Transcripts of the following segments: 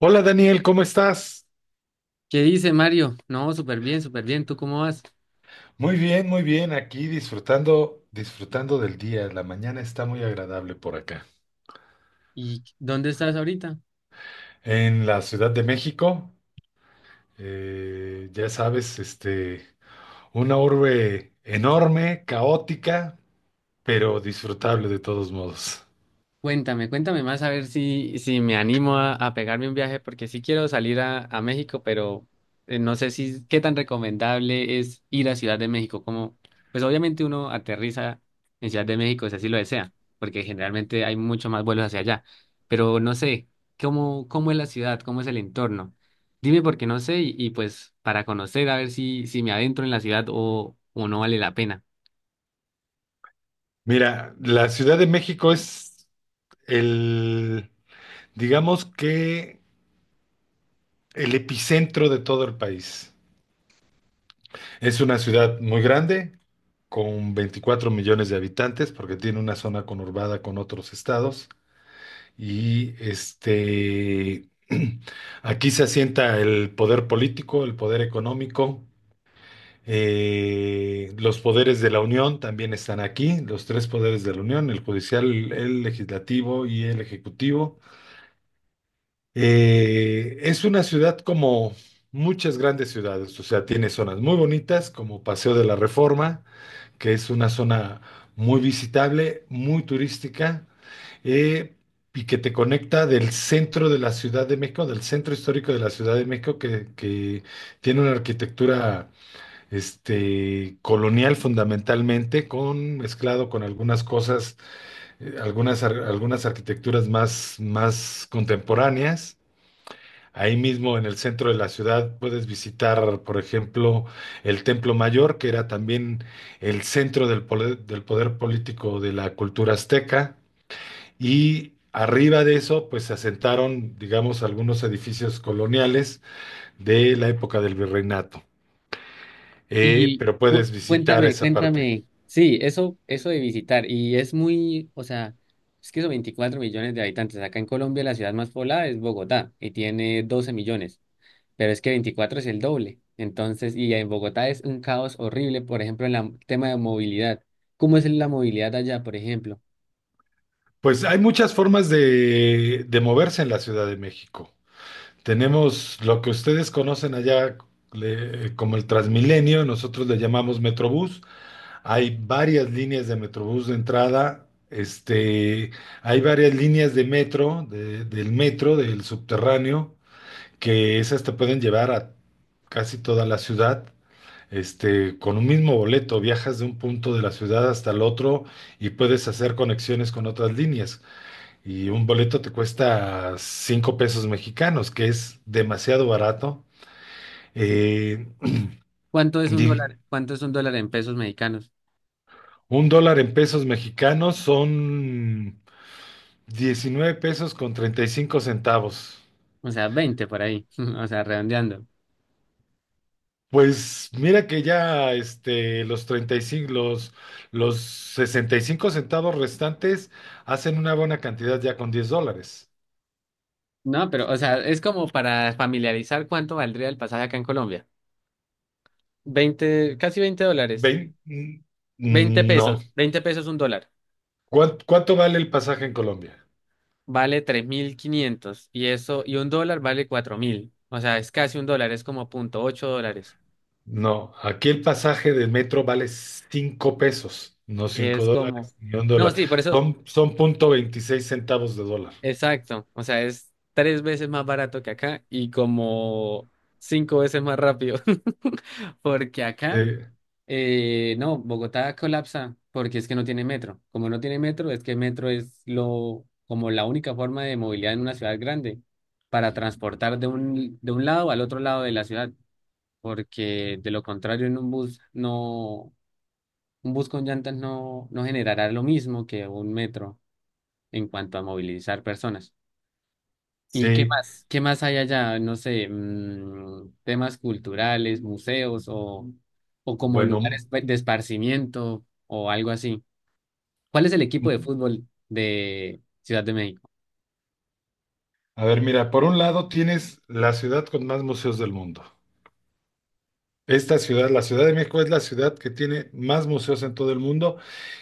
Hola Daniel, ¿cómo estás? ¿Qué dice Mario? No, súper bien, súper bien. ¿Tú cómo vas? Muy bien, muy bien. Aquí disfrutando, disfrutando del día. La mañana está muy agradable por acá. ¿Y dónde estás ahorita? En la Ciudad de México, ya sabes, este, una urbe enorme, caótica, pero disfrutable de todos modos. Cuéntame, cuéntame más a ver si me animo a pegarme un viaje, porque sí quiero salir a México, pero no sé si qué tan recomendable es ir a Ciudad de México. Como, pues obviamente uno aterriza en Ciudad de México si así lo desea, porque generalmente hay mucho más vuelos hacia allá. Pero no sé, cómo es la ciudad, cómo es el entorno. Dime porque no sé, y pues para conocer a ver si me adentro en la ciudad o no vale la pena. Mira, la Ciudad de México es el, digamos que el epicentro de todo el país. Es una ciudad muy grande, con 24 millones de habitantes, porque tiene una zona conurbada con otros estados. Y este, aquí se asienta el poder político, el poder económico, los poderes de la Unión también están aquí, los tres poderes de la Unión, el judicial, el legislativo y el ejecutivo. Es una ciudad como muchas grandes ciudades, o sea, tiene zonas muy bonitas como Paseo de la Reforma que es una zona muy visitable, muy turística, eh, y que te conecta del centro de la Ciudad de México, del centro histórico de la Ciudad de México, que tiene una arquitectura este, colonial fundamentalmente, mezclado con algunas cosas, algunas arquitecturas más contemporáneas. Ahí mismo en el centro de la ciudad puedes visitar, por ejemplo, el Templo Mayor, que era también el centro del poder político de la cultura azteca. Y arriba de eso, pues se asentaron, digamos, algunos edificios coloniales de la época del virreinato. Y Pero puedes visitar cuéntame, esa parte. cuéntame. Sí, eso de visitar. Y es muy, o sea, es que son 24 millones de habitantes. Acá en Colombia la ciudad más poblada es Bogotá y tiene 12 millones, pero es que 24 es el doble. Entonces, y en Bogotá es un caos horrible, por ejemplo, en el tema de movilidad. ¿Cómo es la movilidad allá, por ejemplo? Pues hay muchas formas de moverse en la Ciudad de México. Tenemos lo que ustedes conocen allá como el Transmilenio, nosotros le llamamos Metrobús. Hay varias líneas de Metrobús de entrada, este, hay varias líneas de metro, del metro, del subterráneo, que esas te pueden llevar a casi toda la ciudad. Este, con un mismo boleto viajas de un punto de la ciudad hasta el otro y puedes hacer conexiones con otras líneas. Y un boleto te cuesta 5 pesos mexicanos, que es demasiado barato. Eh, ¿Cuánto es un di- dólar? ¿Cuánto es un dólar en pesos mexicanos? un dólar en pesos mexicanos son 19.35 pesos. O sea, 20 por ahí, o sea, redondeando. Pues mira que ya este, los 35, los 65 centavos restantes hacen una buena cantidad ya con 10 dólares. No, pero, o sea, es como para familiarizar cuánto valdría el pasaje acá en Colombia. 20 casi 20 dólares. Vein- mm, veinte No. pesos. 20 pesos un dólar. ¿Cuánto vale el pasaje en Colombia? Vale 3.500. Y eso, y un dólar vale 4.000. O sea, es casi un dólar, es como 0,8 dólares. No, aquí el pasaje de metro vale 5 pesos, no Que cinco es como. dólares ni un No, dólar. sí, por eso. Son 0.26 centavos de dólar. Exacto. O sea, es tres veces más barato que acá y como cinco veces más rápido. Porque Sí, acá. No, Bogotá colapsa porque es que no tiene metro. Como no tiene metro, es que metro es lo, como la única forma de movilidad en una ciudad grande para transportar de un lado al otro lado de la ciudad, porque de lo contrario en un bus no, un bus con llantas no, no generará lo mismo que un metro en cuanto a movilizar personas. ¿Y qué sí, más? ¿Qué más hay allá? No sé, temas culturales, museos o como bueno, lugares de esparcimiento o algo así. ¿Cuál es el equipo de mm. fútbol de Ciudad de México? a ver, mira, por un lado tienes la ciudad con más museos del mundo. Esta ciudad, la Ciudad de México, es la ciudad que tiene más museos en todo el mundo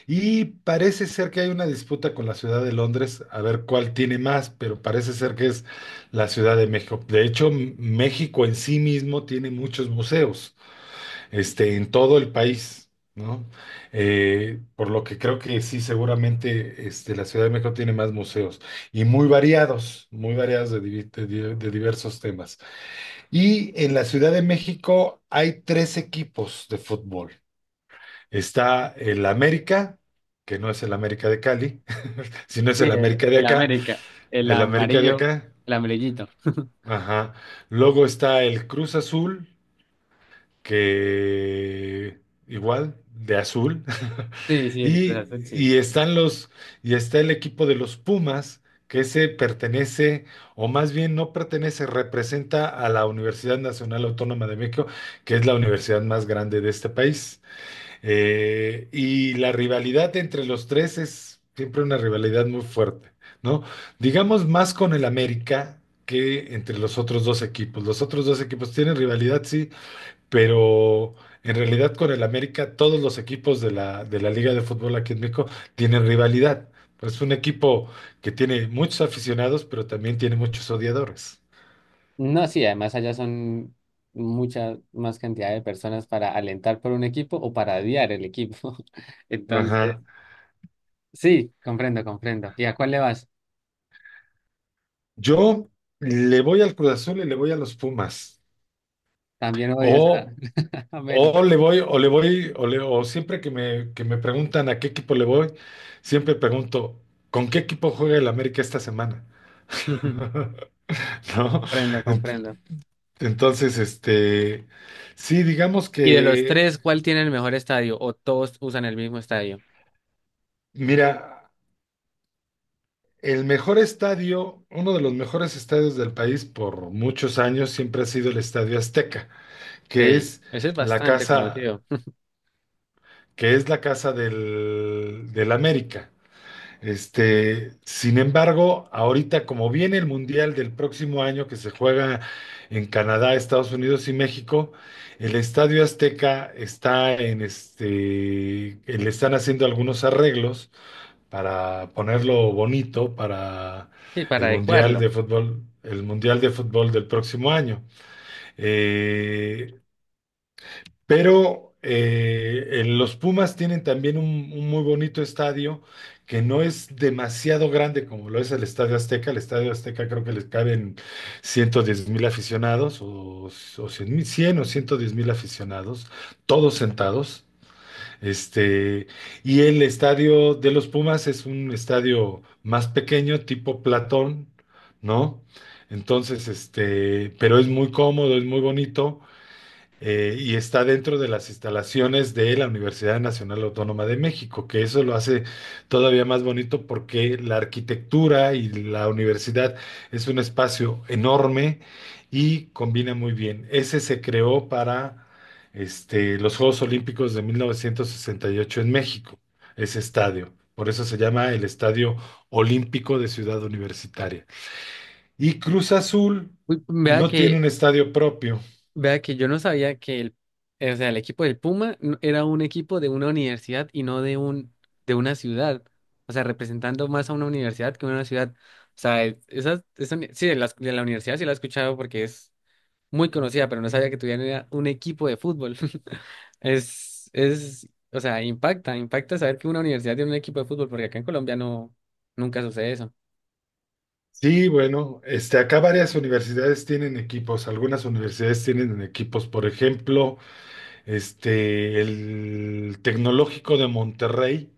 y parece ser que hay una disputa con la Ciudad de Londres a ver cuál tiene más, pero parece ser que es la Ciudad de México. De hecho, México en sí mismo tiene muchos museos, este, en todo el país, ¿no? Por lo que creo que sí, seguramente, este, la Ciudad de México tiene más museos y muy variados de, divi- de di- de diversos temas. Y en la Ciudad de México hay tres equipos de fútbol. Está el América, que no es el América de Cali, sino es Sí, el el, América de el acá, América, el el América de amarillo, acá. el amarillito. Ajá. Luego está el Cruz Azul, que igual, de azul. Sí, sí, el Cruz Y, Azul, sí. y están los, Está el equipo de los Pumas, que ese pertenece, o más bien no pertenece, representa a la Universidad Nacional Autónoma de México, que es la universidad más grande de este país. Y la rivalidad entre los tres es siempre una rivalidad muy fuerte, ¿no? Digamos más con el América que entre los otros dos equipos. Los otros dos equipos tienen rivalidad, sí, pero en realidad con el América todos los equipos de la, Liga de Fútbol aquí en México tienen rivalidad. Pues es un equipo que tiene muchos aficionados, pero también tiene muchos odiadores. No, sí, además allá son mucha más cantidad de personas para alentar por un equipo o para odiar el equipo. Entonces, Ajá. sí, comprendo, comprendo. ¿Y a cuál le vas? Yo le voy al Cruz Azul y le voy a los Pumas. También odias a O, América. O siempre que me preguntan a qué equipo le voy, siempre pregunto, ¿con qué equipo juega el América esta semana? ¿No? Comprendo, comprendo. Entonces, este, sí, digamos Y de los que, tres, ¿cuál tiene el mejor estadio? ¿O todos usan el mismo estadio? mira, el mejor estadio, uno de los mejores estadios del país por muchos años siempre ha sido el Estadio Azteca, que Sí, es ese es la bastante casa, conocido. la casa del América. Este, sin embargo, ahorita como viene el Mundial del próximo año que se juega en Canadá, Estados Unidos y México, el Estadio Azteca le están haciendo algunos arreglos para ponerlo bonito para Y para el Mundial adecuarlo. de fútbol, el Mundial de fútbol del próximo año. Eh, pero los Pumas tienen también un muy bonito estadio que no es demasiado grande como lo es el Estadio Azteca. El Estadio Azteca creo que les caben 110,000 aficionados o 100 mil, 100 o 110 mil aficionados, todos sentados. Este, y el estadio de los Pumas es un estadio más pequeño, tipo Platón, ¿no? Entonces, este, pero es muy cómodo, es muy bonito y está dentro de las instalaciones de la Universidad Nacional Autónoma de México, que eso lo hace todavía más bonito porque la arquitectura y la universidad es un espacio enorme y combina muy bien. Ese se creó para este, los Juegos Olímpicos de 1968 en México, ese estadio. Por eso se llama el Estadio Olímpico de Ciudad Universitaria. Y Cruz Azul Uy, vea no tiene que, un estadio propio. vea que yo no sabía que o sea, el equipo del Puma era un equipo de una universidad y no de un, de una ciudad. O sea, representando más a una universidad que a una ciudad. O sea, sí, de la universidad sí la he escuchado porque es muy conocida, pero no sabía que tuviera un equipo de fútbol. O sea, impacta, impacta saber que una universidad tiene un equipo de fútbol, porque acá en Colombia no, nunca sucede eso. Sí, bueno, este, acá varias universidades tienen equipos, algunas universidades tienen equipos, por ejemplo, este, el Tecnológico de Monterrey,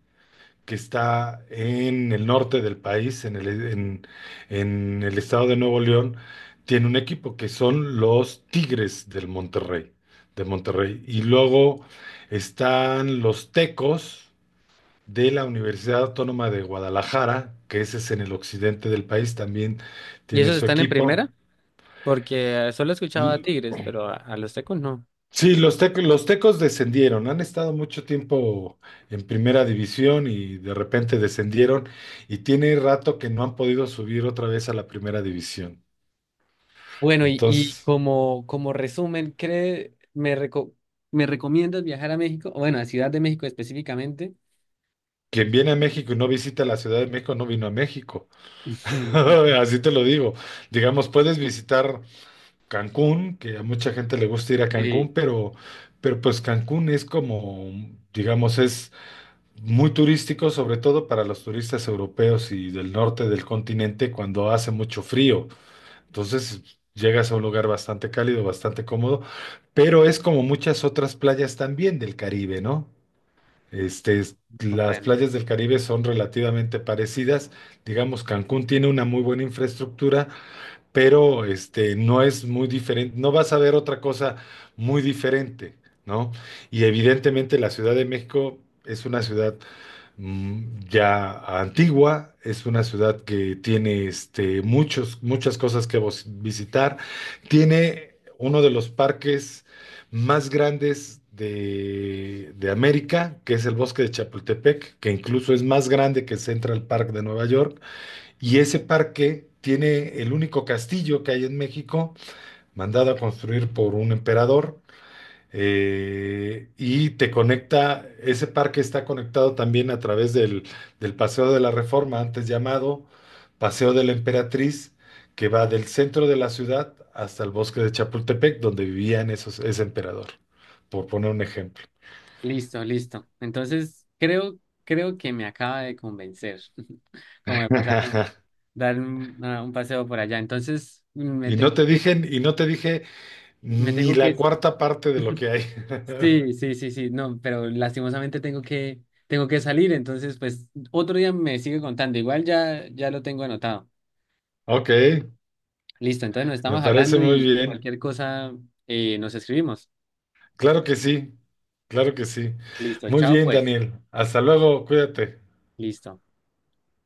que está en el norte del país, en el estado de Nuevo León, tiene un equipo que son los Tigres del Monterrey, de Monterrey. Y luego están los Tecos de la Universidad Autónoma de Guadalajara, que ese es en el occidente del país, también Y tienen esos su están en equipo. primera, porque solo escuchaba a L- Tigres, pero a los Tecos no. Sí, los tecos descendieron, han estado mucho tiempo en primera división y de repente descendieron y tiene rato que no han podido subir otra vez a la primera división. Bueno, y Entonces, como, como resumen, ¿ me recomiendas viajar a México? Bueno, a Ciudad de México específicamente. quien viene a México y no visita la Ciudad de México, no vino a México. Así te lo digo. Digamos, puedes visitar Cancún, que a mucha gente le gusta ir a Cancún, Sí, pero pues Cancún es como, digamos, es muy turístico, sobre todo para los turistas europeos y del norte del continente cuando hace mucho frío. Entonces llegas a un lugar bastante cálido, bastante cómodo, pero es como muchas otras playas también del Caribe, ¿no? Este, las comprendo. playas del Caribe son relativamente parecidas. Digamos, Cancún tiene una muy buena infraestructura pero este, no es muy diferente, no vas a ver otra cosa muy diferente, ¿no? Y evidentemente la Ciudad de México es una ciudad mm, ya antigua, es una ciudad que tiene este, muchas cosas que visitar, tiene uno de los parques más grandes de América, que es el Bosque de Chapultepec, que incluso es más grande que Central Park de Nueva York. Y ese parque tiene el único castillo que hay en México, mandado a construir por un emperador, y te conecta, ese parque está conectado también a través del Paseo de la Reforma, antes llamado Paseo de la Emperatriz, que va del centro de la ciudad hasta el bosque de Chapultepec, donde vivían ese emperador, por poner un ejemplo. Listo, listo. Entonces, creo que me acaba de convencer, como de pasar a dar a un paseo por allá. Entonces, Y no te dije, y no te dije me ni tengo que, la cuarta parte de lo que hay. sí, sí, sí, sí, no, pero lastimosamente tengo que salir. Entonces, pues, otro día me sigue contando. Igual ya, ya lo tengo anotado. Ok. Listo, entonces nos Me estamos parece hablando muy y bien. cualquier cosa nos escribimos. Claro que sí, claro que sí. Listo, Muy chao, bien, pues. Daniel. Hasta luego, cuídate. Listo.